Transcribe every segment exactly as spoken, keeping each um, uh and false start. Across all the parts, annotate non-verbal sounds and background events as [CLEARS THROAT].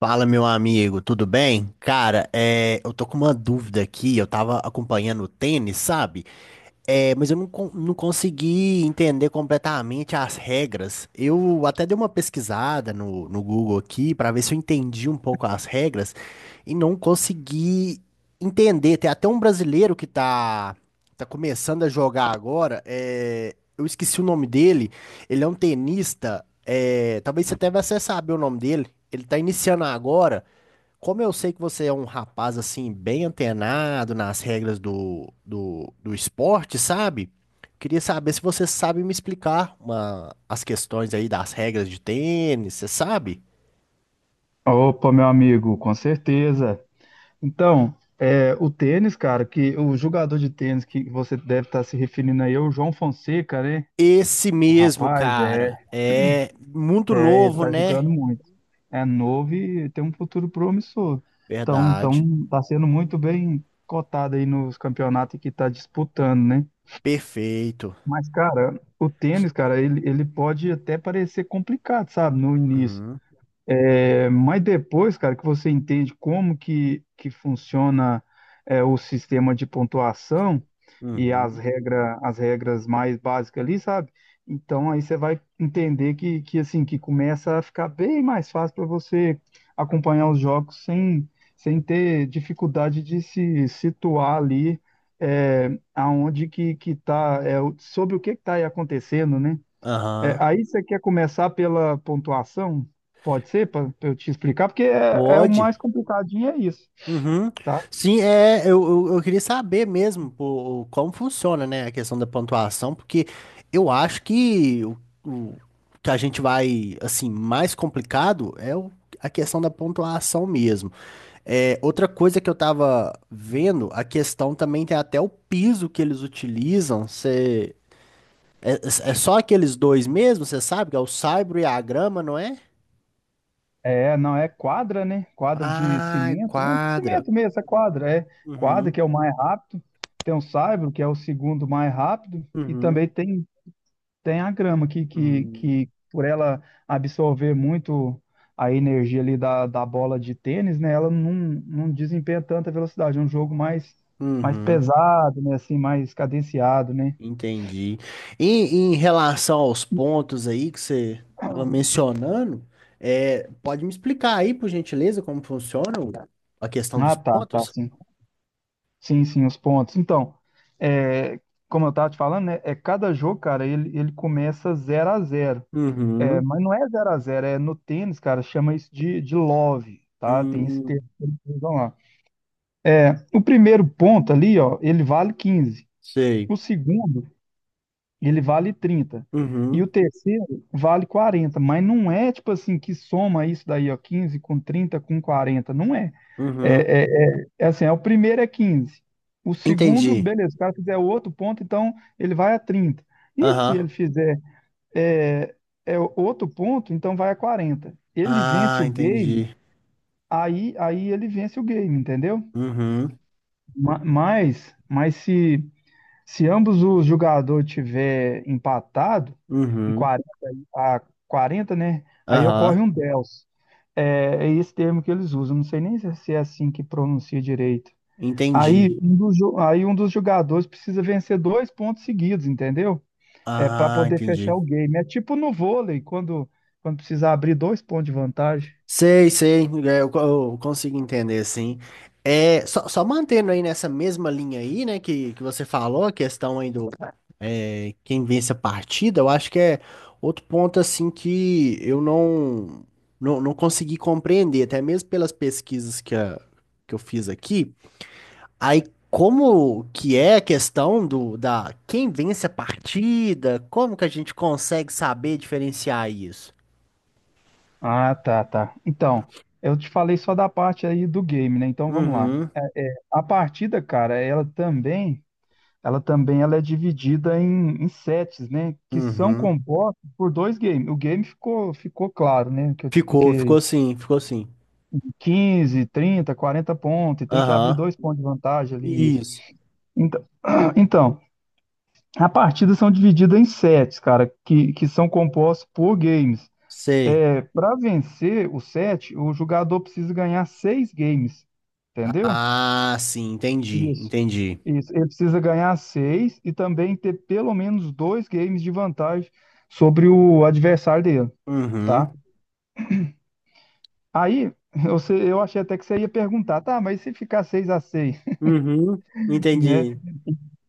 Fala, meu amigo, tudo bem? Cara, é, eu tô com uma dúvida aqui. Eu tava acompanhando o tênis, sabe? É, mas eu não, con- não consegui entender completamente as regras. Eu até dei uma pesquisada no, no Google aqui para ver se eu entendi um pouco as regras e não consegui entender. Tem até um brasileiro que tá, tá começando a jogar agora. É, eu esqueci o nome dele. Ele é um tenista. É, talvez você até vai saber o nome dele. Ele tá iniciando agora. Como eu sei que você é um rapaz assim, bem antenado nas regras do, do, do esporte, sabe? Queria saber se você sabe me explicar uma- as questões aí das regras de tênis, você sabe? Opa, meu amigo, com certeza. Então, é, o tênis, cara, que o jogador de tênis que você deve estar se referindo aí é o João Fonseca, né? Esse O mesmo, rapaz, é, cara, é muito ele novo, tá né? jogando muito. É novo e tem um futuro promissor. Então, Verdade. então, tá sendo muito bem cotado aí nos campeonatos que tá disputando, né? Perfeito. Mas, cara, o tênis, cara, ele, ele pode até parecer complicado, sabe, no início. Uhum, É, mas depois, cara, que você entende como que, que funciona é, o sistema de pontuação e as uhum. regra, as regras mais básicas ali, sabe? Então aí você vai entender que, que assim que começa a ficar bem mais fácil para você acompanhar os jogos sem, sem ter dificuldade de se situar ali é, aonde que, que tá, é, o- sobre o que que tá aí acontecendo, né? É, Aham. aí você quer começar pela pontuação? Pode ser, para eu te explicar, porque é, é o Pode. mais complicadinho, é isso, Uhum. tá? Sim, é, eu, eu, eu queria saber mesmo pô, como funciona, né, a questão da pontuação, porque eu acho que o, o que a gente vai, assim, mais complicado é o- a questão da pontuação mesmo. É, outra coisa que eu tava vendo, a questão também tem até o piso que eles utilizam, cê, é, é é só aqueles dois mesmo, você sabe, que é o saibro e a grama, não é? É, não é quadra, né? Quadra de Ah, cimento, né? quadra. Cimento mesmo, é quadra, é quadra Uhum, que é o mais rápido, tem o saibro que é o segundo mais rápido e uhum, também tem Tem a grama que, que, uhum. que por ela absorver muito a energia ali da, da bola de tênis, né? Ela não, não desempenha tanta velocidade. É um jogo mais, mais Uhum. pesado, né? Assim, mais cadenciado, né? Entendi. E em relação aos pontos aí que você estava mencionando, é, pode me explicar aí, por gentileza, como funciona o- a questão dos Ah, tá, tá, pontos? sim. Sim, sim, os pontos. Então, é, como eu estava te falando, né? É cada jogo, cara, ele, ele começa zero a zero. É, Uhum. mas não é zero a zero é no tênis, cara, chama isso de, de love, tá? Tem esse termo Hum, que eles usam lá. O primeiro ponto ali, ó, ele vale quinze. sei. O segundo, ele vale trinta. E Uhum. o terceiro vale quarenta, mas não é tipo assim que soma isso daí, ó, quinze com trinta com quarenta não é. É, Uhum. é, é, é assim, é, o primeiro é quinze. O segundo, Entendi. beleza, se o cara fizer outro ponto, então ele vai a trinta. E se ele Aham. fizer é, é outro ponto, então vai a quarenta. Ele vence Ah, o game, entendi. aí, aí ele vence o game, entendeu? Uhum. Ma- Mas, mas se Se ambos os jogadores tiver empatado, em Uhum. quarenta, a quarenta, né? Aí ocorre Aham. um dels. É, é esse termo que eles usam. Não sei nem se é, se é assim que pronuncia direito. Aí Entendi. um dos, jo- aí um dos jogadores precisa vencer dois pontos seguidos, entendeu? É para Ah, poder fechar entendi. o game. É tipo no vôlei, quando, quando precisa abrir dois pontos de vantagem. Sei, sei, é, eu, co- eu consigo entender, sim. É, só, só mantendo aí nessa mesma linha aí, né, que, que você falou, a questão aí do é, quem vence a partida, eu acho que é outro ponto, assim, que eu não, não, não consegui compreender, até mesmo pelas pesquisas que, a- que eu fiz aqui. Aí, como que é a questão do, da quem vence a partida, como que a gente consegue saber diferenciar isso? Ah, tá, tá. Então, eu te falei só da parte aí do game, né? Então vamos lá. Uhum, A partida, cara, ela também Ela também ela é dividida em, em sets, né? Que são uhum. compostos por dois games. O game ficou, ficou claro, né? Que eu te Ficou, expliquei ficou aí. assim, ficou assim. quinze, trinta, quarenta pontos, e tem que abrir Aham. dois pontos de vantagem ali, isso. Isso. Então, [CLEARS THROAT] então, a partida são divididas em sets, cara, que, que são compostos por games. Sei. É, para vencer o set, o jogador precisa ganhar seis games, entendeu? Ah, sim, entendi, Isso. entendi. Isso, ele precisa ganhar seis e também ter pelo menos dois games de vantagem sobre o adversário dele, Uhum. tá? Aí, você, eu achei até que você ia perguntar, tá, mas se ficar seis a seis, Uhum. [LAUGHS] né? Entendi.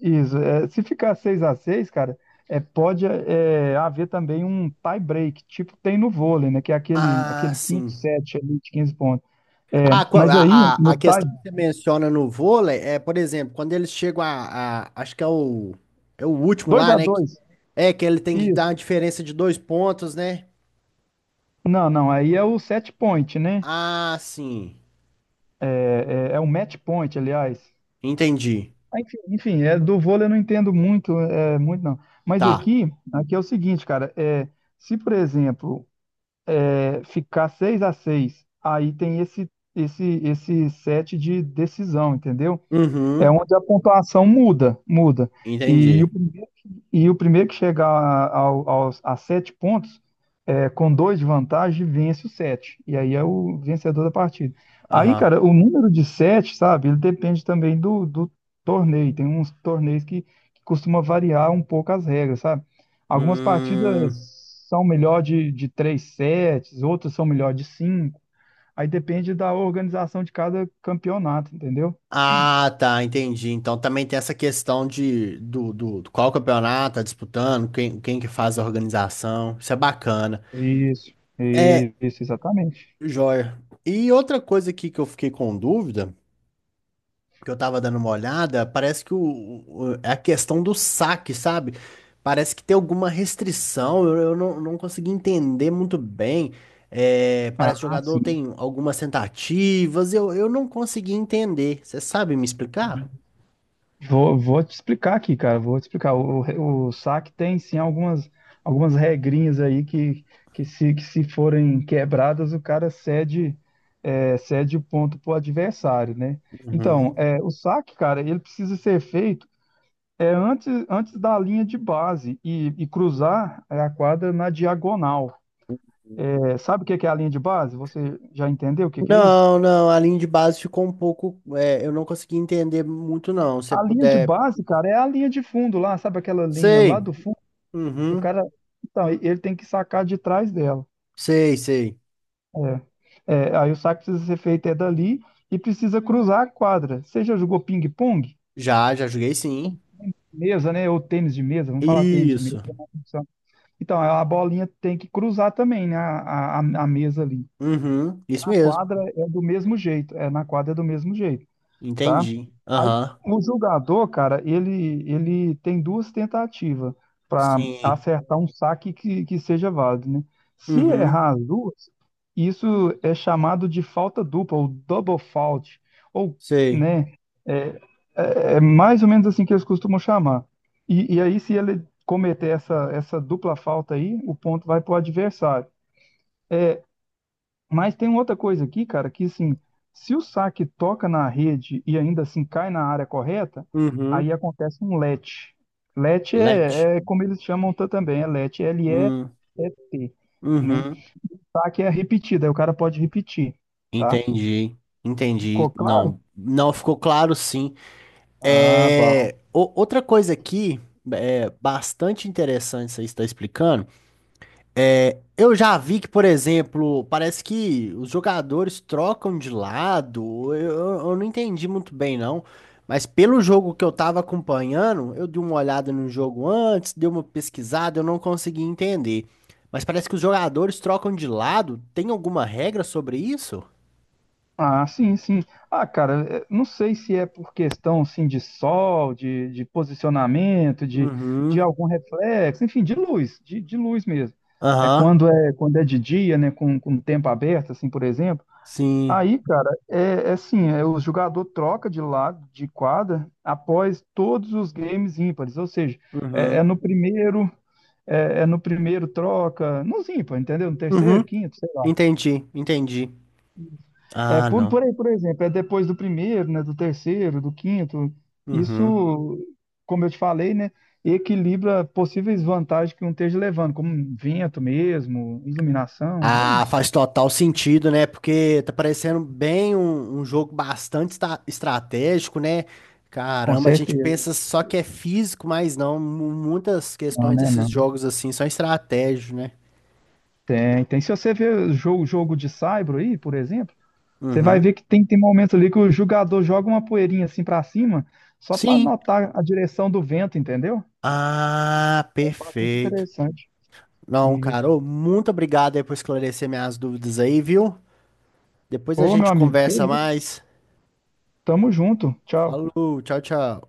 Isso, é, se ficar seis a seis, cara, é, pode é, haver também um tie break, tipo tem no vôlei, né? Que é aquele, Ah, aquele quinto sim. set ali de quinze pontos. É, Ah, qua- mas aí, a, a, a no tie, questão que você menciona no vôlei é, por exemplo, quando eles chegam a, a- acho que é o, é o último dois lá, a né? que- dois, É que ele tem que dar uma isso. diferença de dois pontos, né? Não, não, aí é o set point, né? Ah, sim. É, é, é o match point, aliás. Entendi. Ah, Enfim, enfim, é, do vôlei eu não entendo muito, é, muito não. Mas Tá. aqui, aqui é o seguinte, cara, é, se por exemplo é, ficar seis a seis aí tem esse esse esse set de decisão, entendeu? É Uhum. onde a pontuação muda, muda. E, o Entendi. e o primeiro que chegar ao- aos, a sete pontos, é, com dois de vantagem, vence o sete. E aí é o vencedor da partida. Aí, Aham. cara, o número de sete, sabe, ele depende também do, do torneio. Tem uns torneios que, que costuma variar um pouco as regras, sabe? Algumas partidas Hum. são melhor de, de três sets, outras são melhor de cinco. Aí depende da organização de cada campeonato, entendeu? Ah, tá, entendi. Então também tem essa questão de do, do, do qual campeonato tá disputando, quem, quem que faz a organização. Isso é bacana. Isso, É, isso, exatamente. joia. E outra coisa aqui que eu fiquei com dúvida, que eu tava dando uma olhada, parece que o, o- o- é a questão do saque, sabe? Parece que tem alguma restrição, eu, eu não, não consegui entender muito bem. É, parece que o Ah, jogador sim. tem algumas tentativas, eu, eu não consegui entender. Você sabe me explicar? Vou, vou te explicar aqui, cara. Vou te explicar. O, o, o saque tem sim algumas, algumas regrinhas aí que, que, se, que se forem quebradas, o cara cede, é, cede o ponto pro adversário, né? Então, é, o saque, cara, ele precisa ser feito é, antes, antes da linha de base e, e cruzar é, a quadra na diagonal. É, sabe o que que é a linha de base? Você já entendeu o que que é isso? Não, não, a linha de base ficou um pouco. É, eu não consegui entender muito, não. Se você A linha de puder. base, cara, é a linha de fundo lá, sabe aquela linha lá Sei. do fundo? E o Uhum. cara, então, e- ele tem que sacar de trás dela. Sei, sei. É. É, aí o saque precisa ser feito é dali e precisa cruzar a quadra. Você já jogou ping-pong? Já, já joguei Ou sim. tênis de mesa, né? Ou tênis de mesa, vamos falar tênis de mesa. Isso. Que é mais função. Então, a bolinha tem que cruzar também, né? A, a, a mesa ali. Uhum. Isso Na mesmo. quadra é do mesmo jeito. É, na quadra é do mesmo jeito. Tá? Entendi. Aí Aham. o jogador, cara, ele, ele tem duas tentativas para Sim. acertar um saque que, que seja válido, né? Se Uhum. errar as duas, isso é chamado de falta dupla, ou double fault, ou, Sei. né? É, é, é mais ou menos assim que eles costumam chamar. E, e aí, se ele cometer essa, essa dupla falta aí, o ponto vai para o adversário. É, mas tem outra coisa aqui, cara, que assim, se o saque toca na rede e ainda assim cai na área correta, Uhum. aí acontece um let. Let Let. é, é como eles chamam ta- também, é let, Hum. L E T, né? Uhum. Saque é repetida, aí o cara pode repetir, tá? Entendi. Entendi. Ficou claro? Não, não ficou claro, sim. Ah, bom. É, o- outra coisa aqui, é bastante interessante, você está explicando. É, eu já vi que, por exemplo, parece que os jogadores trocam de lado. Eu, eu não entendi muito bem, não. Mas pelo jogo que eu tava acompanhando, eu dei uma olhada no jogo antes, dei uma pesquisada, eu não consegui entender. Mas parece que os jogadores trocam de lado. Tem alguma regra sobre isso? Ah, sim, sim. Ah, cara, eh, não sei se é por questão, assim, de sol, de, de posicionamento, de, Uhum. de algum reflexo, enfim, de luz, de, de luz mesmo. É Aham. quando é quando é de dia, né, com, com o tempo aberto, assim, por exemplo. Sim. Aí, cara, é, é assim, é, o jogador troca de lado, de quadra, após todos os games ímpares, ou seja, é, é Uhum. no primeiro, é, é no primeiro troca, nos ímpares, entendeu? No Uhum. terceiro, quinto, sei lá. Entendi, entendi. É, Ah, por, não. por aí, por exemplo, é depois do primeiro, né, do terceiro, do quinto. Uhum. Isso, como eu te falei, né, equilibra possíveis vantagens que um esteja levando, como um vento mesmo, iluminação, é Ah, isso. faz total sentido, né? Porque tá parecendo bem um, um jogo bastante esta- estratégico, né? Com Caramba, a gente certeza. pensa só que é físico, mas não. mu- Muitas Não, questões né, desses não. jogos assim são estratégicos, né? Tem, tem. Se você ver jogo, jogo de saibro aí, por exemplo, você vai Uhum. ver que tem, tem momentos ali que o jogador joga uma poeirinha assim pra cima, só pra Sim. notar a direção do vento, entendeu? Ah, É bastante perfeito. interessante. Não, cara, Isso. ô, muito obrigado aí por esclarecer minhas dúvidas aí, viu? Depois a Ô, meu gente amigo, que conversa isso. mais. Tamo junto. Tchau. Falou, tchau, tchau.